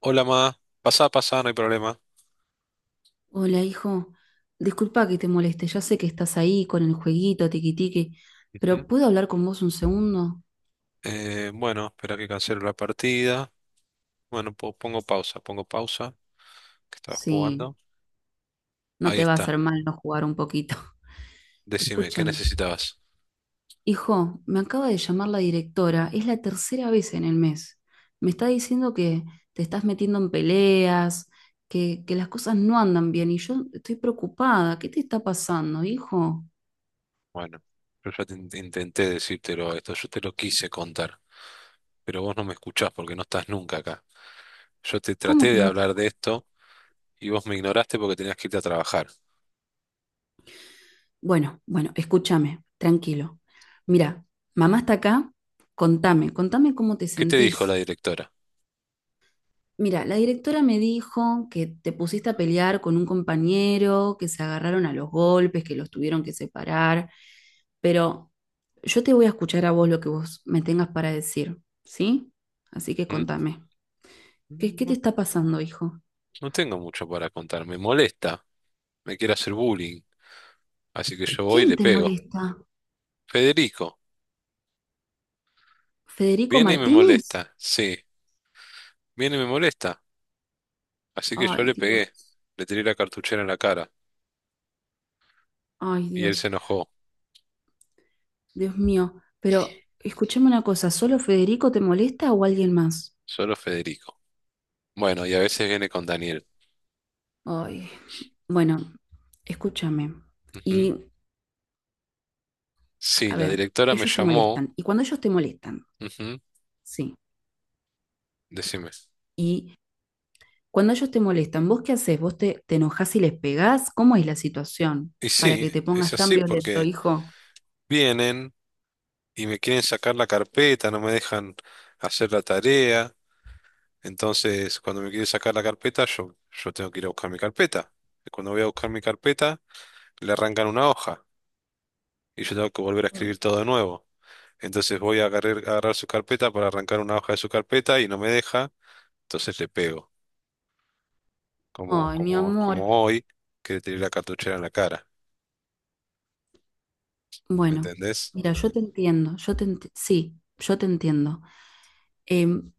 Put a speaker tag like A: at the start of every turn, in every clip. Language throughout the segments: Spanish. A: Hola, ma. Pasá, pasá, no hay problema.
B: Hola, hijo. Disculpa que te moleste. Ya sé que estás ahí con el jueguito, tiquitique,
A: Ujú.
B: pero ¿puedo hablar con vos un segundo?
A: Bueno, Espera que cancelo la partida. Bueno, pongo pausa, que estaba
B: Sí,
A: jugando.
B: no
A: Ahí
B: te va a
A: está.
B: hacer mal no jugar un poquito.
A: Decime, ¿qué
B: Escúchame.
A: necesitabas?
B: Hijo, me acaba de llamar la directora. Es la tercera vez en el mes. Me está diciendo que te estás metiendo en peleas, que las cosas no andan bien y yo estoy preocupada. ¿Qué te está pasando, hijo?
A: Bueno, yo ya te intenté decírtelo esto, yo te lo quise contar, pero vos no me escuchás porque no estás nunca acá. Yo te
B: ¿Cómo
A: traté
B: que
A: de
B: no te...
A: hablar de esto y vos me ignoraste porque tenías que irte a trabajar.
B: Bueno, bueno, escúchame, tranquilo. Mira, mamá está acá, contame, contame cómo te
A: ¿Qué te dijo la
B: sentís.
A: directora?
B: Mira, la directora me dijo que te pusiste a pelear con un compañero, que se agarraron a los golpes, que los tuvieron que separar, pero yo te voy a escuchar a vos lo que vos me tengas para decir, ¿sí? Así que
A: ¿Mm?
B: contame, ¿qué te
A: No,
B: está pasando, hijo?
A: no tengo mucho para contar, me molesta, me quiere hacer bullying, así que yo voy y
B: ¿Quién
A: le
B: te
A: pego.
B: molesta?
A: Federico.
B: ¿Federico
A: Viene y me
B: Martínez?
A: molesta, sí, viene y me molesta. Así que yo
B: Ay,
A: le pegué,
B: Dios,
A: le tiré la cartuchera en la cara
B: ay,
A: y él
B: Dios.
A: se enojó,
B: Dios mío, pero escúchame una cosa, ¿solo Federico te molesta o alguien más?
A: solo Federico. Bueno, y a veces viene con Daniel.
B: Ay, bueno, escúchame.
A: Ujú.
B: Y,
A: Sí,
B: a
A: la
B: ver,
A: directora me
B: ellos te
A: llamó,
B: molestan. Y cuando ellos te molestan,
A: ujú.
B: sí.
A: Decime.
B: Y cuando ellos te molestan, ¿vos qué haces? ¿Vos te enojás y les pegás? ¿Cómo es la situación
A: Y
B: para
A: sí,
B: que te
A: es
B: pongas tan
A: así
B: violento,
A: porque
B: hijo?
A: vienen y me quieren sacar la carpeta, no me dejan hacer la tarea. Entonces, cuando me quieren sacar la carpeta, yo tengo que ir a buscar mi carpeta. Y cuando voy a buscar mi carpeta, le arrancan una hoja y yo tengo que volver a
B: Ay,
A: escribir todo de nuevo. Entonces voy a agarrar su carpeta para arrancar una hoja de su carpeta y no me deja. Entonces le pego,
B: ay, mi amor.
A: como hoy, que le tiré la cartuchera en la cara. ¿Me
B: Bueno,
A: entendés?
B: mira, yo te entiendo, sí, yo te entiendo. Em,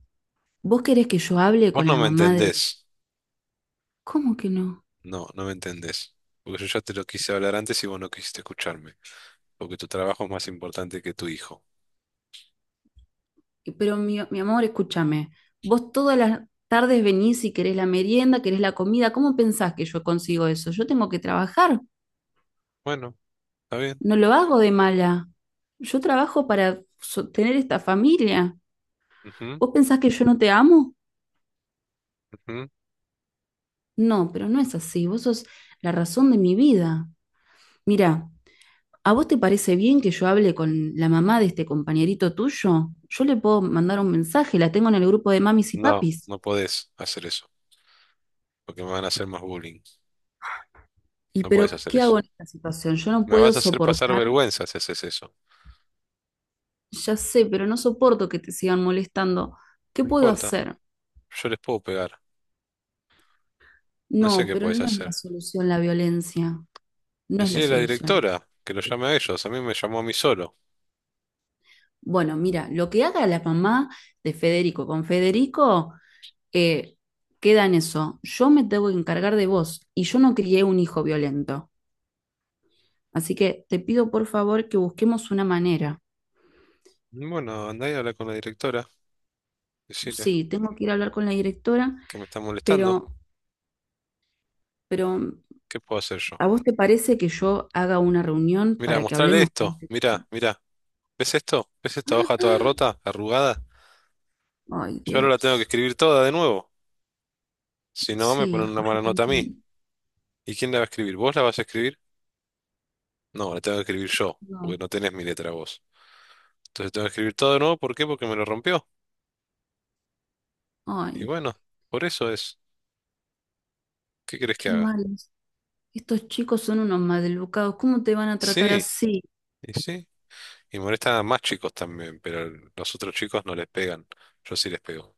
B: ¿Vos querés que yo hable
A: Vos
B: con
A: no
B: la
A: me
B: mamá de...
A: entendés.
B: ¿Cómo que no?
A: No, no me entendés. Porque yo ya te lo quise hablar antes y vos no quisiste escucharme. Porque tu trabajo es más importante que tu hijo.
B: Pero mi amor, escúchame, vos todas las tardes venís y querés la merienda, querés la comida, ¿cómo pensás que yo consigo eso? Yo tengo que trabajar,
A: Bueno, está bien.
B: no lo hago de mala. Yo trabajo para sostener esta familia.
A: Ujú,
B: ¿Vos pensás que yo no te amo?
A: ujú.
B: No, pero no es así, vos sos la razón de mi vida. Mira, ¿a vos te parece bien que yo hable con la mamá de este compañerito tuyo? Yo le puedo mandar un mensaje, la tengo en el grupo de mamis y
A: No,
B: papis.
A: no podés hacer eso. Porque me van a hacer más bullying.
B: ¿Y
A: No podés
B: pero
A: hacer
B: qué
A: eso.
B: hago en esta situación? Yo no
A: Me
B: puedo
A: vas a hacer pasar
B: soportar.
A: vergüenza si haces eso.
B: Ya sé, pero no soporto que te sigan molestando. ¿Qué
A: No
B: puedo
A: importa.
B: hacer?
A: Yo les puedo pegar. No sé
B: No,
A: qué
B: pero
A: podés
B: no es la
A: hacer.
B: solución la violencia. No es la
A: Decirle a la
B: solución.
A: directora que lo llame a ellos. A mí me llamó a mí solo.
B: Bueno, mira, lo que haga la mamá de Federico con Federico, eh, queda en eso. Yo me tengo que encargar de vos y yo no crié un hijo violento. Así que te pido por favor que busquemos una manera.
A: Bueno, andá y habla con la directora. Decirle
B: Sí, tengo que ir a hablar con la directora,
A: que me está molestando.
B: pero, pero
A: ¿Qué puedo hacer yo?
B: ¿a vos te parece que yo haga una reunión
A: Mira,
B: para que
A: mostrarle
B: hablemos con
A: esto.
B: este
A: Mira,
B: tipo?
A: mira. ¿Ves esto? ¿Ves esta hoja toda rota, arrugada?
B: Ay,
A: Yo ahora la tengo que
B: Dios.
A: escribir toda de nuevo. Si no, me
B: Sí,
A: ponen una
B: hijo, yo
A: mala
B: te
A: nota a mí.
B: entiendo.
A: ¿Y quién la va a escribir? ¿Vos la vas a escribir? No, la tengo que escribir yo, porque
B: No.
A: no tenés mi letra vos. Entonces tengo que escribir todo de nuevo. ¿Por qué? Porque me lo rompió. Y
B: Ay,
A: bueno, por eso es. ¿Qué querés que
B: qué
A: haga?
B: malos. Estos chicos son unos maleducados. ¿Cómo te van a tratar
A: Sí,
B: así?
A: y sí. Y molestan a más chicos también, pero los otros chicos no les pegan. Yo sí les pego.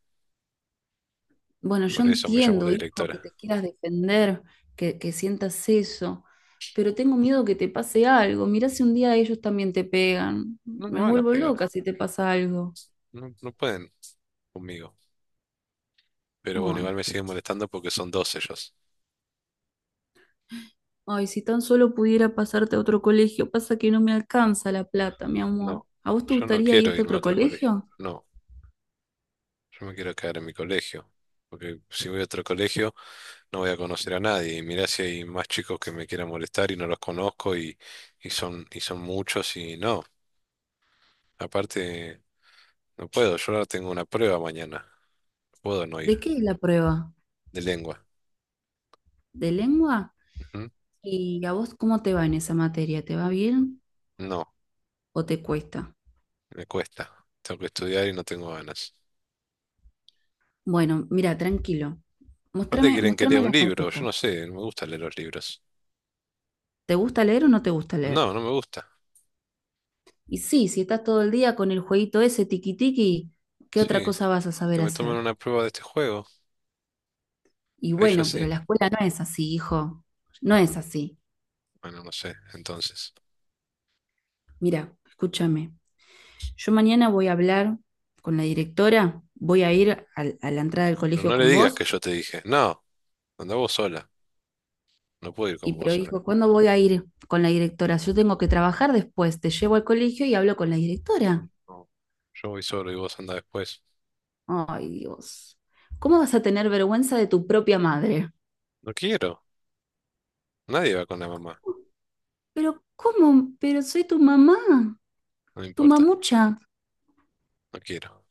B: Bueno, yo
A: Por eso me llamó la
B: entiendo, hijo, que te
A: directora.
B: quieras defender, que sientas eso, pero tengo miedo que te pase algo. Mirá si un día ellos también te pegan.
A: No me
B: Me
A: van a
B: vuelvo
A: pegar.
B: loca si te pasa algo.
A: No, no pueden conmigo. Pero bueno, igual
B: Ay,
A: me siguen molestando porque son dos ellos.
B: ay, si tan solo pudiera pasarte a otro colegio, pasa que no me alcanza la plata, mi amor.
A: No,
B: ¿A vos te
A: yo no
B: gustaría
A: quiero
B: irte a
A: irme a
B: otro
A: otro colegio.
B: colegio?
A: No, yo me quiero quedar en mi colegio. Porque si voy a otro colegio no voy a conocer a nadie. Y mirá si hay más chicos que me quieran molestar y no los conozco y, y son muchos y no. Aparte, no puedo. Yo ahora tengo una prueba mañana. No puedo no
B: ¿De
A: ir
B: qué es la prueba?
A: de lengua.
B: ¿De lengua?
A: ¿Mm?
B: ¿Y a vos cómo te va en esa materia? ¿Te va bien
A: No,
B: o te cuesta?
A: me cuesta. Tengo que estudiar y no tengo ganas.
B: Bueno, mira, tranquilo.
A: Aparte
B: Mostrame,
A: quieren que lea
B: mostrame la
A: un libro, yo
B: carpeta.
A: no sé, no me gusta leer los libros.
B: ¿Te gusta leer o no te gusta leer?
A: No, no me gusta.
B: Y sí, si estás todo el día con el jueguito ese tiki tiki, ¿qué otra
A: Sí,
B: cosa vas a saber
A: que me tomen
B: hacer?
A: una prueba de este juego.
B: Y
A: Ahí yo
B: bueno, pero
A: sí.
B: la escuela no es así, hijo. No es así.
A: Bueno, no sé, entonces.
B: Mira, escúchame. Yo mañana voy a hablar con la directora, voy a ir a la entrada del
A: Pero
B: colegio
A: no le
B: con
A: digas
B: vos.
A: que yo te dije. No, anda vos sola. No puedo ir
B: Y
A: con vos
B: pero
A: sola.
B: dijo, ¿cuándo voy a ir con la directora? Yo tengo que trabajar después, te llevo al colegio y hablo con la directora.
A: No, yo voy solo y vos anda después.
B: Ay, Dios. ¿Cómo vas a tener vergüenza de tu propia madre?
A: No quiero. Nadie va con la mamá.
B: Pero ¿cómo? Pero soy tu mamá,
A: No me
B: tu
A: importa.
B: mamucha.
A: No quiero.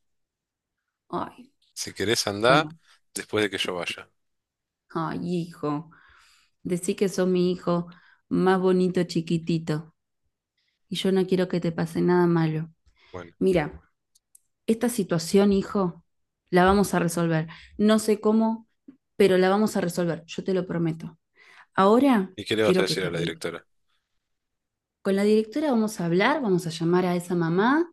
B: Ay,
A: Si querés andá
B: bueno,
A: después de que yo vaya.
B: ay, hijo, decí que sos mi hijo más bonito chiquitito y yo no quiero que te pase nada malo.
A: Bueno,
B: Mira, esta situación, hijo, la vamos a resolver. No sé cómo, pero la vamos a resolver, yo te lo prometo. Ahora
A: ¿y qué le vas a
B: quiero que
A: decir
B: te
A: a la
B: arregles.
A: directora?
B: Con la directora vamos a hablar, vamos a llamar a esa mamá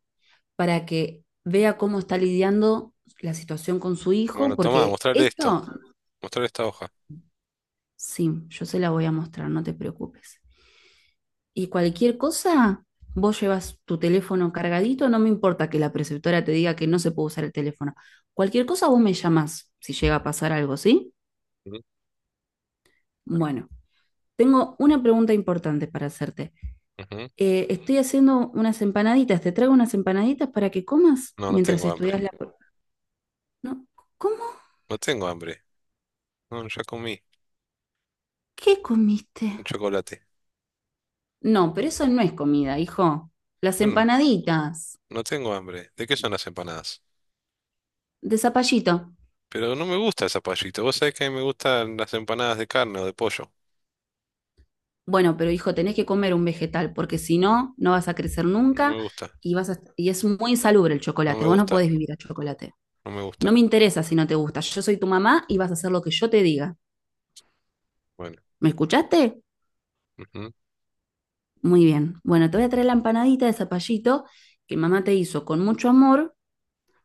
B: para que vea cómo está lidiando la situación con su hijo,
A: Bueno, tomá,
B: porque
A: mostrarle esto.
B: esto,
A: Mostrar esta hoja.
B: sí, yo se la voy a mostrar, no te preocupes. Y cualquier cosa, vos llevas tu teléfono cargadito, no me importa que la preceptora te diga que no se puede usar el teléfono. Cualquier cosa vos me llamás si llega a pasar algo, ¿sí?
A: Ujú. Bueno.
B: Bueno, tengo una pregunta importante para hacerte.
A: Ujú.
B: Estoy haciendo unas empanaditas, te traigo unas empanaditas para que comas
A: No, no
B: mientras
A: tengo
B: estudias
A: hambre.
B: No, ¿cómo?
A: No tengo hambre. No, ya comí
B: ¿Qué
A: un
B: comiste?
A: chocolate.
B: No, pero eso no es comida, hijo. Las
A: Bueno,
B: empanaditas
A: no tengo hambre. ¿De qué son las empanadas?
B: de zapallito.
A: Pero no me gusta el zapallito. Vos sabés que a mí me gustan las empanadas de carne o de pollo.
B: Bueno, pero hijo, tenés que comer un vegetal, porque si no, no vas a crecer
A: No me
B: nunca
A: gusta.
B: y y es muy insalubre el
A: No
B: chocolate.
A: me
B: Vos no
A: gusta.
B: podés vivir a chocolate.
A: No me
B: No
A: gusta.
B: me interesa si no te gusta. Yo soy tu mamá y vas a hacer lo que yo te diga.
A: Bueno.
B: ¿Me escuchaste?
A: Ujú.
B: Muy bien. Bueno, te voy a traer la empanadita de zapallito que mamá te hizo con mucho amor.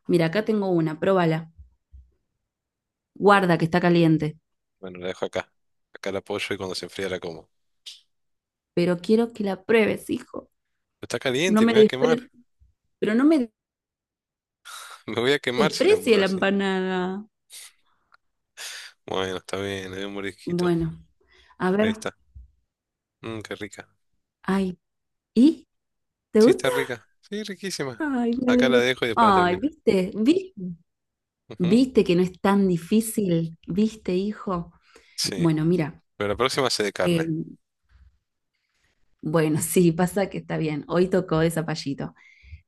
B: Mira, acá tengo una, pruébala. Guarda que está caliente.
A: Bueno, la dejo acá. Acá la apoyo y cuando se enfría la como.
B: Pero quiero que la pruebes, hijo.
A: Está
B: No
A: caliente, me
B: me
A: voy a quemar.
B: desprecies. Pero no me
A: Me voy a quemar si la
B: desprecie
A: muerdo
B: la
A: así.
B: empanada.
A: Bueno, está bien, le doy un mordisquito.
B: Bueno, a
A: Ahí
B: ver.
A: está. Mmm, qué rica.
B: Ay, ¿y? ¿Te
A: Sí, está
B: gusta?
A: rica. Sí, riquísima.
B: Ay, me
A: Acá la
B: alegro.
A: dejo y después la
B: Ay,
A: termino.
B: ¿viste? ¿Viste?
A: Ujú.
B: ¿Viste que no es tan difícil? ¿Viste, hijo?
A: Sí,
B: Bueno, mira,
A: pero la próxima sé de carne.
B: eh, bueno, sí, pasa que está bien. Hoy tocó de zapallito.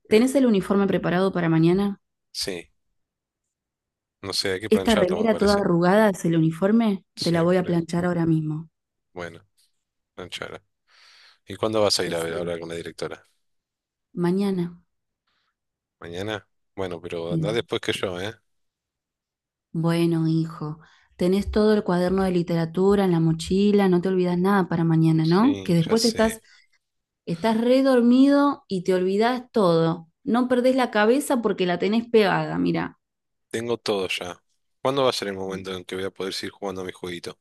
A: Bien.
B: ¿Tenés el uniforme preparado para mañana?
A: Sí, no sé, hay que
B: Esta
A: plancharlo, me
B: remera toda
A: parece.
B: arrugada es el uniforme. Te la
A: Sí,
B: voy a
A: por eso.
B: planchar ahora mismo.
A: Bueno, plancharlo. ¿Y cuándo vas a ir a ver a
B: Sí,
A: hablar con la directora?
B: mañana.
A: ¿Mañana? Bueno, pero andá
B: Sí.
A: después que yo, ¿eh?
B: Bueno, hijo, tenés todo el cuaderno de literatura en la mochila, no te olvidas nada para mañana, ¿no?
A: Sí,
B: Que
A: ya
B: después
A: sé.
B: estás re dormido y te olvidás todo. No perdés la cabeza porque la tenés pegada, mira.
A: Tengo todo ya. ¿Cuándo va a ser el momento en que voy a poder seguir jugando a mi jueguito?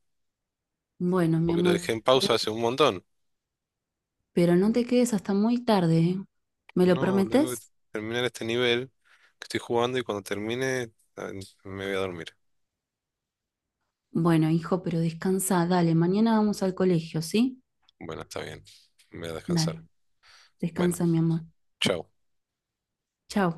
B: Bueno, mi
A: Porque lo
B: amor.
A: dejé en pausa hace un montón.
B: Pero no te quedes hasta muy tarde, ¿eh? ¿Me lo
A: No, tengo que
B: prometes?
A: terminar este nivel que estoy jugando y cuando termine ah, me voy a dormir.
B: Bueno, hijo, pero descansa, dale, mañana vamos al colegio, ¿sí?
A: Bueno, está bien. Me voy a descansar.
B: Dale,
A: Bueno,
B: descansa, mi amor.
A: chao.
B: Chao.